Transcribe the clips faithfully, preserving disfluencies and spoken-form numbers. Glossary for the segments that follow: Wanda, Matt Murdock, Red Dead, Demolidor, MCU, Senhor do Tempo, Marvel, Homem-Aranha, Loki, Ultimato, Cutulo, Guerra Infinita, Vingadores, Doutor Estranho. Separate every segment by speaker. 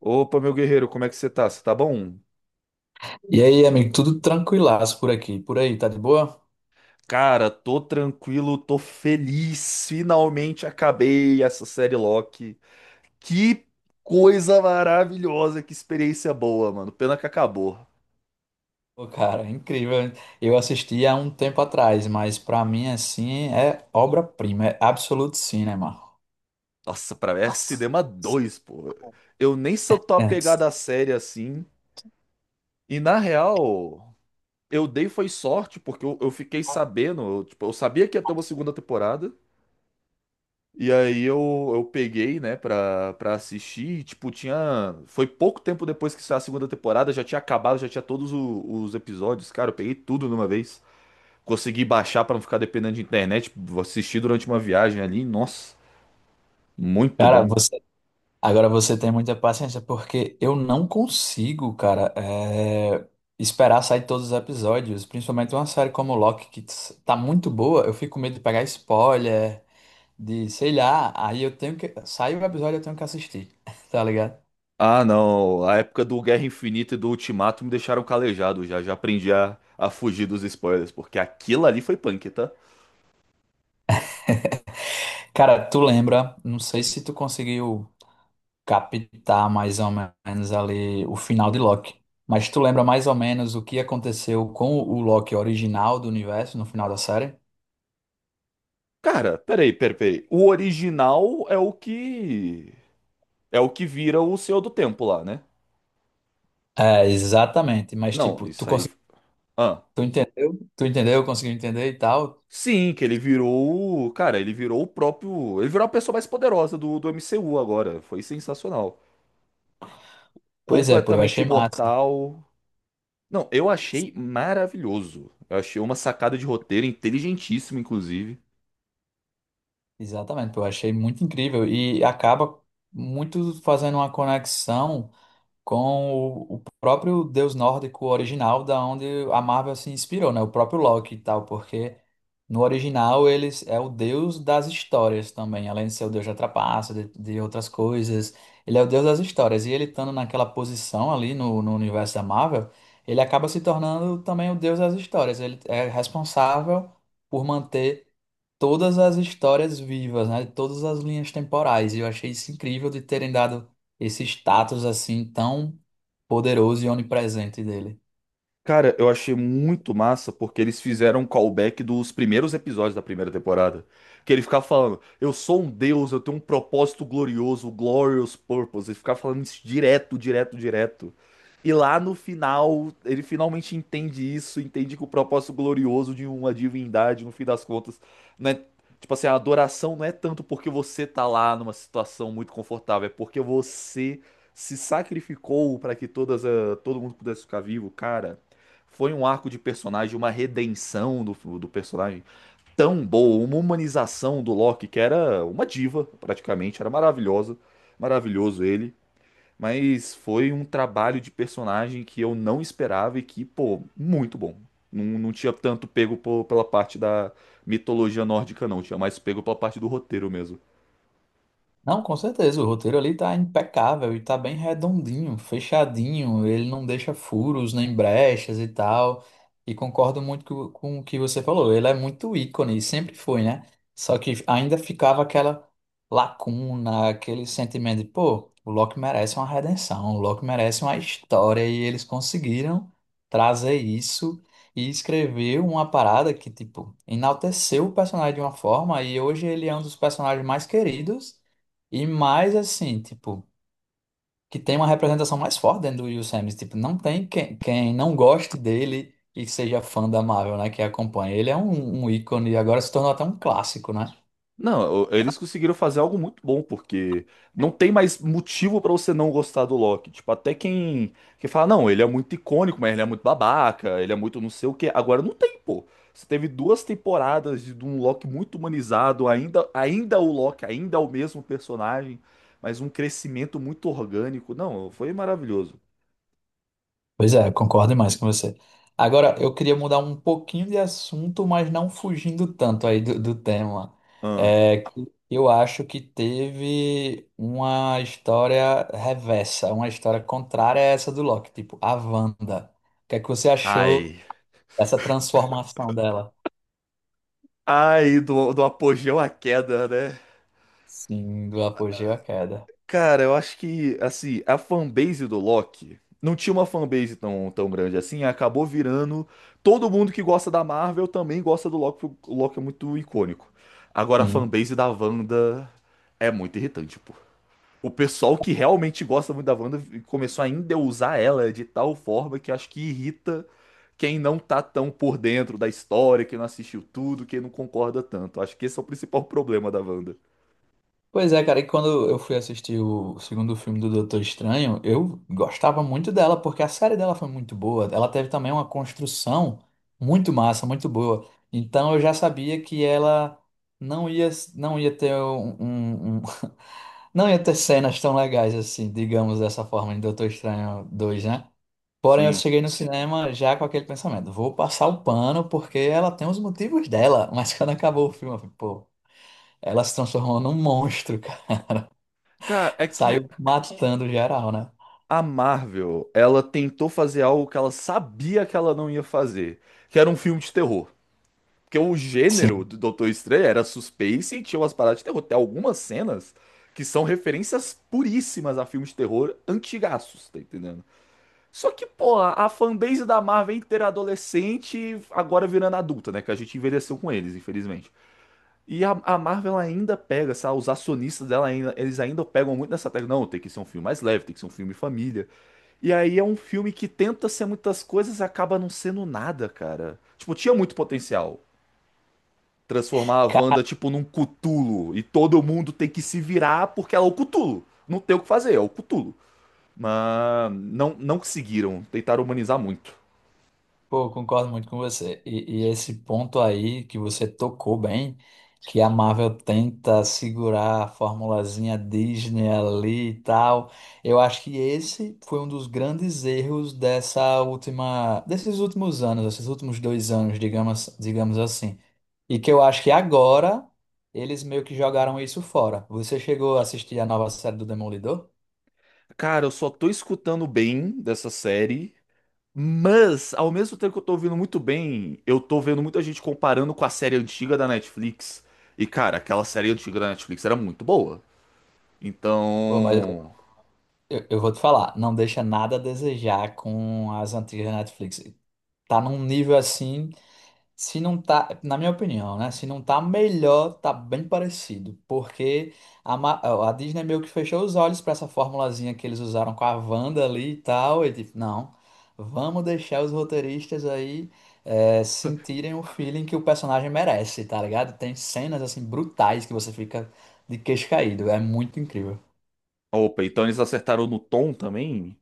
Speaker 1: Opa, meu guerreiro, como é que você tá? Você tá bom?
Speaker 2: E aí, amigo, tudo tranquilaço por aqui. Por aí, tá de boa?
Speaker 1: Cara, tô tranquilo, tô feliz. Finalmente acabei essa série Loki. Que coisa maravilhosa, que experiência boa, mano. Pena que acabou.
Speaker 2: Pô, cara, é incrível. Eu assisti há um tempo atrás, mas pra mim, assim, é obra-prima, é absoluto cinema.
Speaker 1: Nossa, pra mim é
Speaker 2: Nossa.
Speaker 1: Cinema dois, pô. Eu nem sou tão
Speaker 2: É.
Speaker 1: apegado à série assim. E na real, eu dei foi sorte, porque eu, eu fiquei sabendo, eu, tipo, eu sabia que ia ter uma segunda temporada. E aí eu, eu peguei, né, pra, pra assistir, e, tipo, tinha... Foi pouco tempo depois que saiu a segunda temporada, já tinha acabado, já tinha todos o- os episódios, cara, eu peguei tudo numa vez. Consegui baixar pra não ficar dependendo de internet, assistir durante uma viagem ali, nossa, muito
Speaker 2: Cara,
Speaker 1: bom.
Speaker 2: você, agora você tem muita paciência, porque eu não consigo, cara, é, esperar sair todos os episódios, principalmente uma série como Loki, que s- tá muito boa, eu fico com medo de pegar spoiler, de, sei lá, aí eu tenho que, sai o episódio, eu tenho que assistir, tá ligado?
Speaker 1: Ah, não, a época do Guerra Infinita e do Ultimato me deixaram calejado já, já aprendi a, a fugir dos spoilers, porque aquilo ali foi punk, tá?
Speaker 2: Cara, tu lembra? Não sei se tu conseguiu captar mais ou menos ali o final de Loki, mas tu lembra mais ou menos o que aconteceu com o Loki original do universo no final da série?
Speaker 1: Cara, peraí, peraí, peraí. O original é o que... É o que vira o Senhor do Tempo lá, né?
Speaker 2: É, exatamente, mas
Speaker 1: Não,
Speaker 2: tipo, tu
Speaker 1: isso aí.
Speaker 2: conseguiu,
Speaker 1: Ah.
Speaker 2: tu entendeu? Tu entendeu? Conseguiu entender e tal?
Speaker 1: Sim, que ele virou. o- Cara, ele virou o próprio. Ele virou a pessoa mais poderosa do, do M C U agora. Foi sensacional.
Speaker 2: Pois é, pô, eu
Speaker 1: Completamente
Speaker 2: achei massa.
Speaker 1: imortal. Não, eu achei maravilhoso. Eu achei uma sacada de roteiro inteligentíssima, inclusive.
Speaker 2: Exatamente, pô, eu achei muito incrível e acaba muito fazendo uma conexão com o, o próprio deus nórdico original, da onde a Marvel se inspirou, né? O próprio Loki e tal, porque no original eles é o deus das histórias também, além de ser o deus da trapaça, de, de, outras coisas, ele é o deus das histórias. E ele estando naquela posição ali no, no universo da Marvel, ele acaba se tornando também o deus das histórias. Ele é responsável por manter todas as histórias vivas, né? Todas as linhas temporais. E eu achei isso incrível de terem dado esse status assim tão poderoso e onipresente dele.
Speaker 1: Cara, eu achei muito massa porque eles fizeram um callback dos primeiros episódios da primeira temporada. Que ele ficava falando, eu sou um deus, eu tenho um propósito glorioso, o glorious purpose. Ele ficava falando isso direto, direto, direto. E lá no final, ele finalmente entende isso, entende que o propósito glorioso de uma divindade, no fim das contas, não é, tipo assim, a adoração não é tanto porque você tá lá numa situação muito confortável, é porque você se sacrificou para que todas, a- todo mundo pudesse ficar vivo, cara, foi um arco de personagem, uma redenção do, do personagem tão boa, uma humanização do Loki, que era uma diva, praticamente, era maravilhosa, maravilhoso ele. Mas foi um trabalho de personagem que eu não esperava e que, pô, muito bom. Não, não tinha tanto pego pô- pela parte da mitologia nórdica, não. Tinha mais pego pela parte do roteiro mesmo.
Speaker 2: Não, com certeza, o roteiro ali tá impecável e tá bem redondinho, fechadinho, ele não deixa furos nem brechas e tal. E concordo muito co- com o que você falou, ele é muito ícone, e sempre foi, né? Só que ainda ficava aquela lacuna, aquele sentimento de, pô, o Loki merece uma redenção, o Loki merece uma história e eles conseguiram trazer isso e escrever uma parada que, tipo, enalteceu o personagem de uma forma e hoje ele é um dos personagens mais queridos e mais assim, tipo, que tem uma representação mais forte dentro do Will Smith. Tipo, não tem quem, quem não goste dele e seja fã da Marvel, né? Que acompanha. Ele é um, um ícone e agora se tornou até um clássico, né?
Speaker 1: Não, o- eles conseguiram fazer algo muito bom, porque não tem mais motivo pra você não gostar do Loki. Tipo, até quem, quem fala, não, ele é muito icônico, mas ele é muito babaca, ele é muito não sei o quê. Agora não tem, pô. Você teve duas temporadas de, de um Loki muito humanizado, ainda, ainda o Loki, ainda é o mesmo personagem, mas um crescimento muito orgânico. Não, foi maravilhoso.
Speaker 2: Pois é, concordo mais com você. Agora, eu queria mudar um pouquinho de assunto, mas não fugindo tanto aí do, do tema.
Speaker 1: Ah,
Speaker 2: É, que eu acho que teve uma história reversa, uma história contrária a essa do Loki, tipo, a Wanda. O que é que você achou?
Speaker 1: ai.
Speaker 2: Essa transformação dela.
Speaker 1: Ai, do, do apogeu à queda, né?
Speaker 2: Sim, do apogeu à queda.
Speaker 1: Cara, eu acho que, assim, a fanbase do Loki não tinha uma fanbase tão, tão grande assim, acabou virando. Todo mundo que gosta da Marvel também gosta do Loki, porque o Loki é muito icônico. Agora, a
Speaker 2: Sim.
Speaker 1: fanbase da Wanda é muito irritante, pô. O pessoal que realmente gosta muito da Wanda começou a endeusar ela de tal forma que acho que irrita quem não tá tão por dentro da história, quem não assistiu tudo, quem não concorda tanto. Acho que esse é o principal problema da Wanda.
Speaker 2: Pois é, cara, e quando eu fui assistir o segundo filme do Doutor Estranho, eu gostava muito dela, porque a série dela foi muito boa. Ela teve também uma construção muito massa, muito boa. Então eu já sabia que ela não ia, não ia ter um, um- um- não ia ter cenas tão legais assim, digamos dessa forma, em Doutor Estranho dois, né? Porém, eu
Speaker 1: Sim.
Speaker 2: cheguei no cinema já com aquele pensamento, vou passar o pano porque ela tem os motivos dela, mas quando acabou o filme, eu falei, pô, ela se transformou num monstro, cara.
Speaker 1: Cara, é que
Speaker 2: Saiu matando geral, né?
Speaker 1: a Marvel, ela tentou fazer algo que ela sabia que ela não ia fazer, que era um filme de terror. Porque o gênero
Speaker 2: Sim.
Speaker 1: do Doutor Estranho era suspense e tinha umas paradas de terror. Tem algumas cenas que são referências puríssimas a filmes de terror antigaços, tá entendendo? Só que, pô, a fanbase da Marvel é inteira adolescente, agora virando adulta, né? Que a gente envelheceu com eles, infelizmente. E a, a Marvel ainda pega, sabe? Os acionistas dela ainda, eles ainda pegam muito nessa tecla. Não, tem que ser um filme mais leve, tem que ser um filme família. E aí é um filme que tenta ser muitas coisas e acaba não sendo nada, cara. Tipo, tinha muito potencial. Transformar a Wanda, tipo, num Cutulo. E todo mundo tem que se virar porque ela é o Cutulo. Não tem o que fazer, é o Cutulo. Mas não, não conseguiram. Tentaram humanizar muito.
Speaker 2: Pô, concordo muito com você. E, e esse ponto aí que você tocou bem, que a Marvel tenta segurar a formulazinha Disney ali e tal, eu acho que esse foi um dos grandes erros dessa última, desses últimos anos, esses últimos dois anos, digamos, digamos assim. E que eu acho que agora eles meio que jogaram isso fora. Você chegou a assistir a nova série do Demolidor?
Speaker 1: Cara, eu só tô escutando bem dessa série. Mas, ao mesmo tempo que eu tô ouvindo muito bem, eu tô vendo muita gente comparando com a série antiga da Netflix. E, cara, aquela série antiga da Netflix era muito boa.
Speaker 2: Pô, mas
Speaker 1: Então.
Speaker 2: eu, eu vou te falar, não deixa nada a desejar com as antigas Netflix. Tá num nível assim, se não tá, na minha opinião, né? Se não tá melhor, tá bem parecido, porque a, Ma- a Disney meio que fechou os olhos pra essa formulazinha que eles usaram com a Wanda ali e tal, e tipo, não, vamos deixar os roteiristas aí é, sentirem o feeling que o personagem merece, tá ligado? Tem cenas assim brutais que você fica de queixo caído, é muito incrível.
Speaker 1: Opa, então eles acertaram no tom também?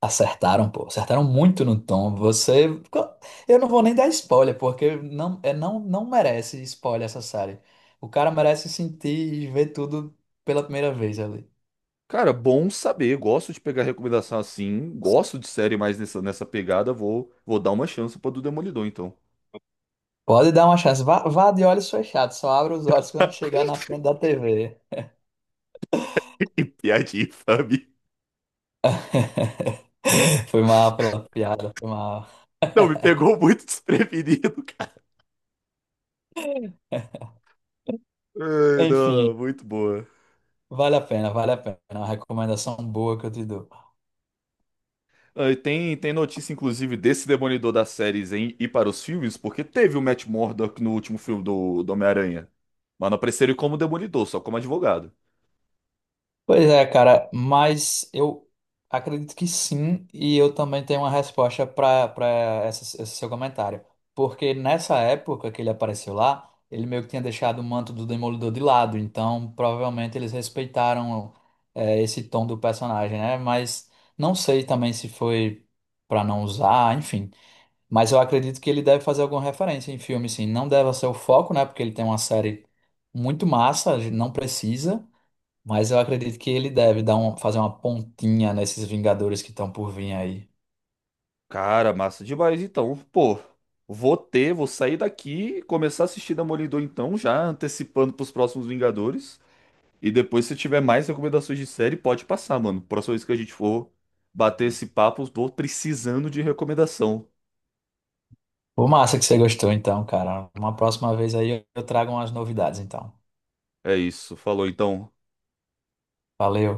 Speaker 2: Acertaram, pô. Acertaram muito no tom. Você. Eu não vou nem dar spoiler, porque não, é, não, não merece spoiler essa série. O cara merece sentir e ver tudo pela primeira vez ali.
Speaker 1: Cara, bom saber. Gosto de pegar recomendação assim. Gosto de série mais nessa, nessa pegada. Vou, vou dar uma chance pra do Demolidor, então.
Speaker 2: Pode dar uma chance. Vá, vá de olhos fechados, só abra os olhos quando chegar na frente da T V.
Speaker 1: Que piadinha infame.
Speaker 2: Foi mal pela piada, foi mal.
Speaker 1: Não, me pegou muito desprevenido, cara. Ai, não, não,
Speaker 2: Enfim,
Speaker 1: muito boa.
Speaker 2: vale a pena, vale a pena. É uma recomendação boa que eu te dou.
Speaker 1: Ah, e tem, tem notícia, inclusive, desse Demolidor das séries em ir para os filmes, porque teve o Matt Murdock no último filme do, do Homem-Aranha. Mas não apareceu ele como Demolidor, só como advogado.
Speaker 2: Pois é, cara, mas eu acredito que sim, e eu também tenho uma resposta para para esse, esse seu comentário. Porque nessa época que ele apareceu lá, ele meio que tinha deixado o manto do Demolidor de lado, então provavelmente eles respeitaram é, esse tom do personagem, né? Mas não sei também se foi para não usar, enfim. Mas eu acredito que ele deve fazer alguma referência em filme, sim. Não deve ser o foco, né? Porque ele tem uma série muito massa, a gente não precisa. Mas eu acredito que ele deve dar um, fazer uma pontinha nesses Vingadores que estão por vir aí.
Speaker 1: Cara, massa demais. Então, pô, vou ter, vou sair daqui e começar a assistir Demolidor então, já antecipando pros próximos Vingadores. E depois, se tiver mais recomendações de série, pode passar, mano. Próxima vez que a gente for bater esse papo, tô precisando de recomendação.
Speaker 2: Pô, massa que você gostou, então, cara. Uma próxima vez aí eu eu trago umas novidades, então.
Speaker 1: É isso, falou então.
Speaker 2: Valeu.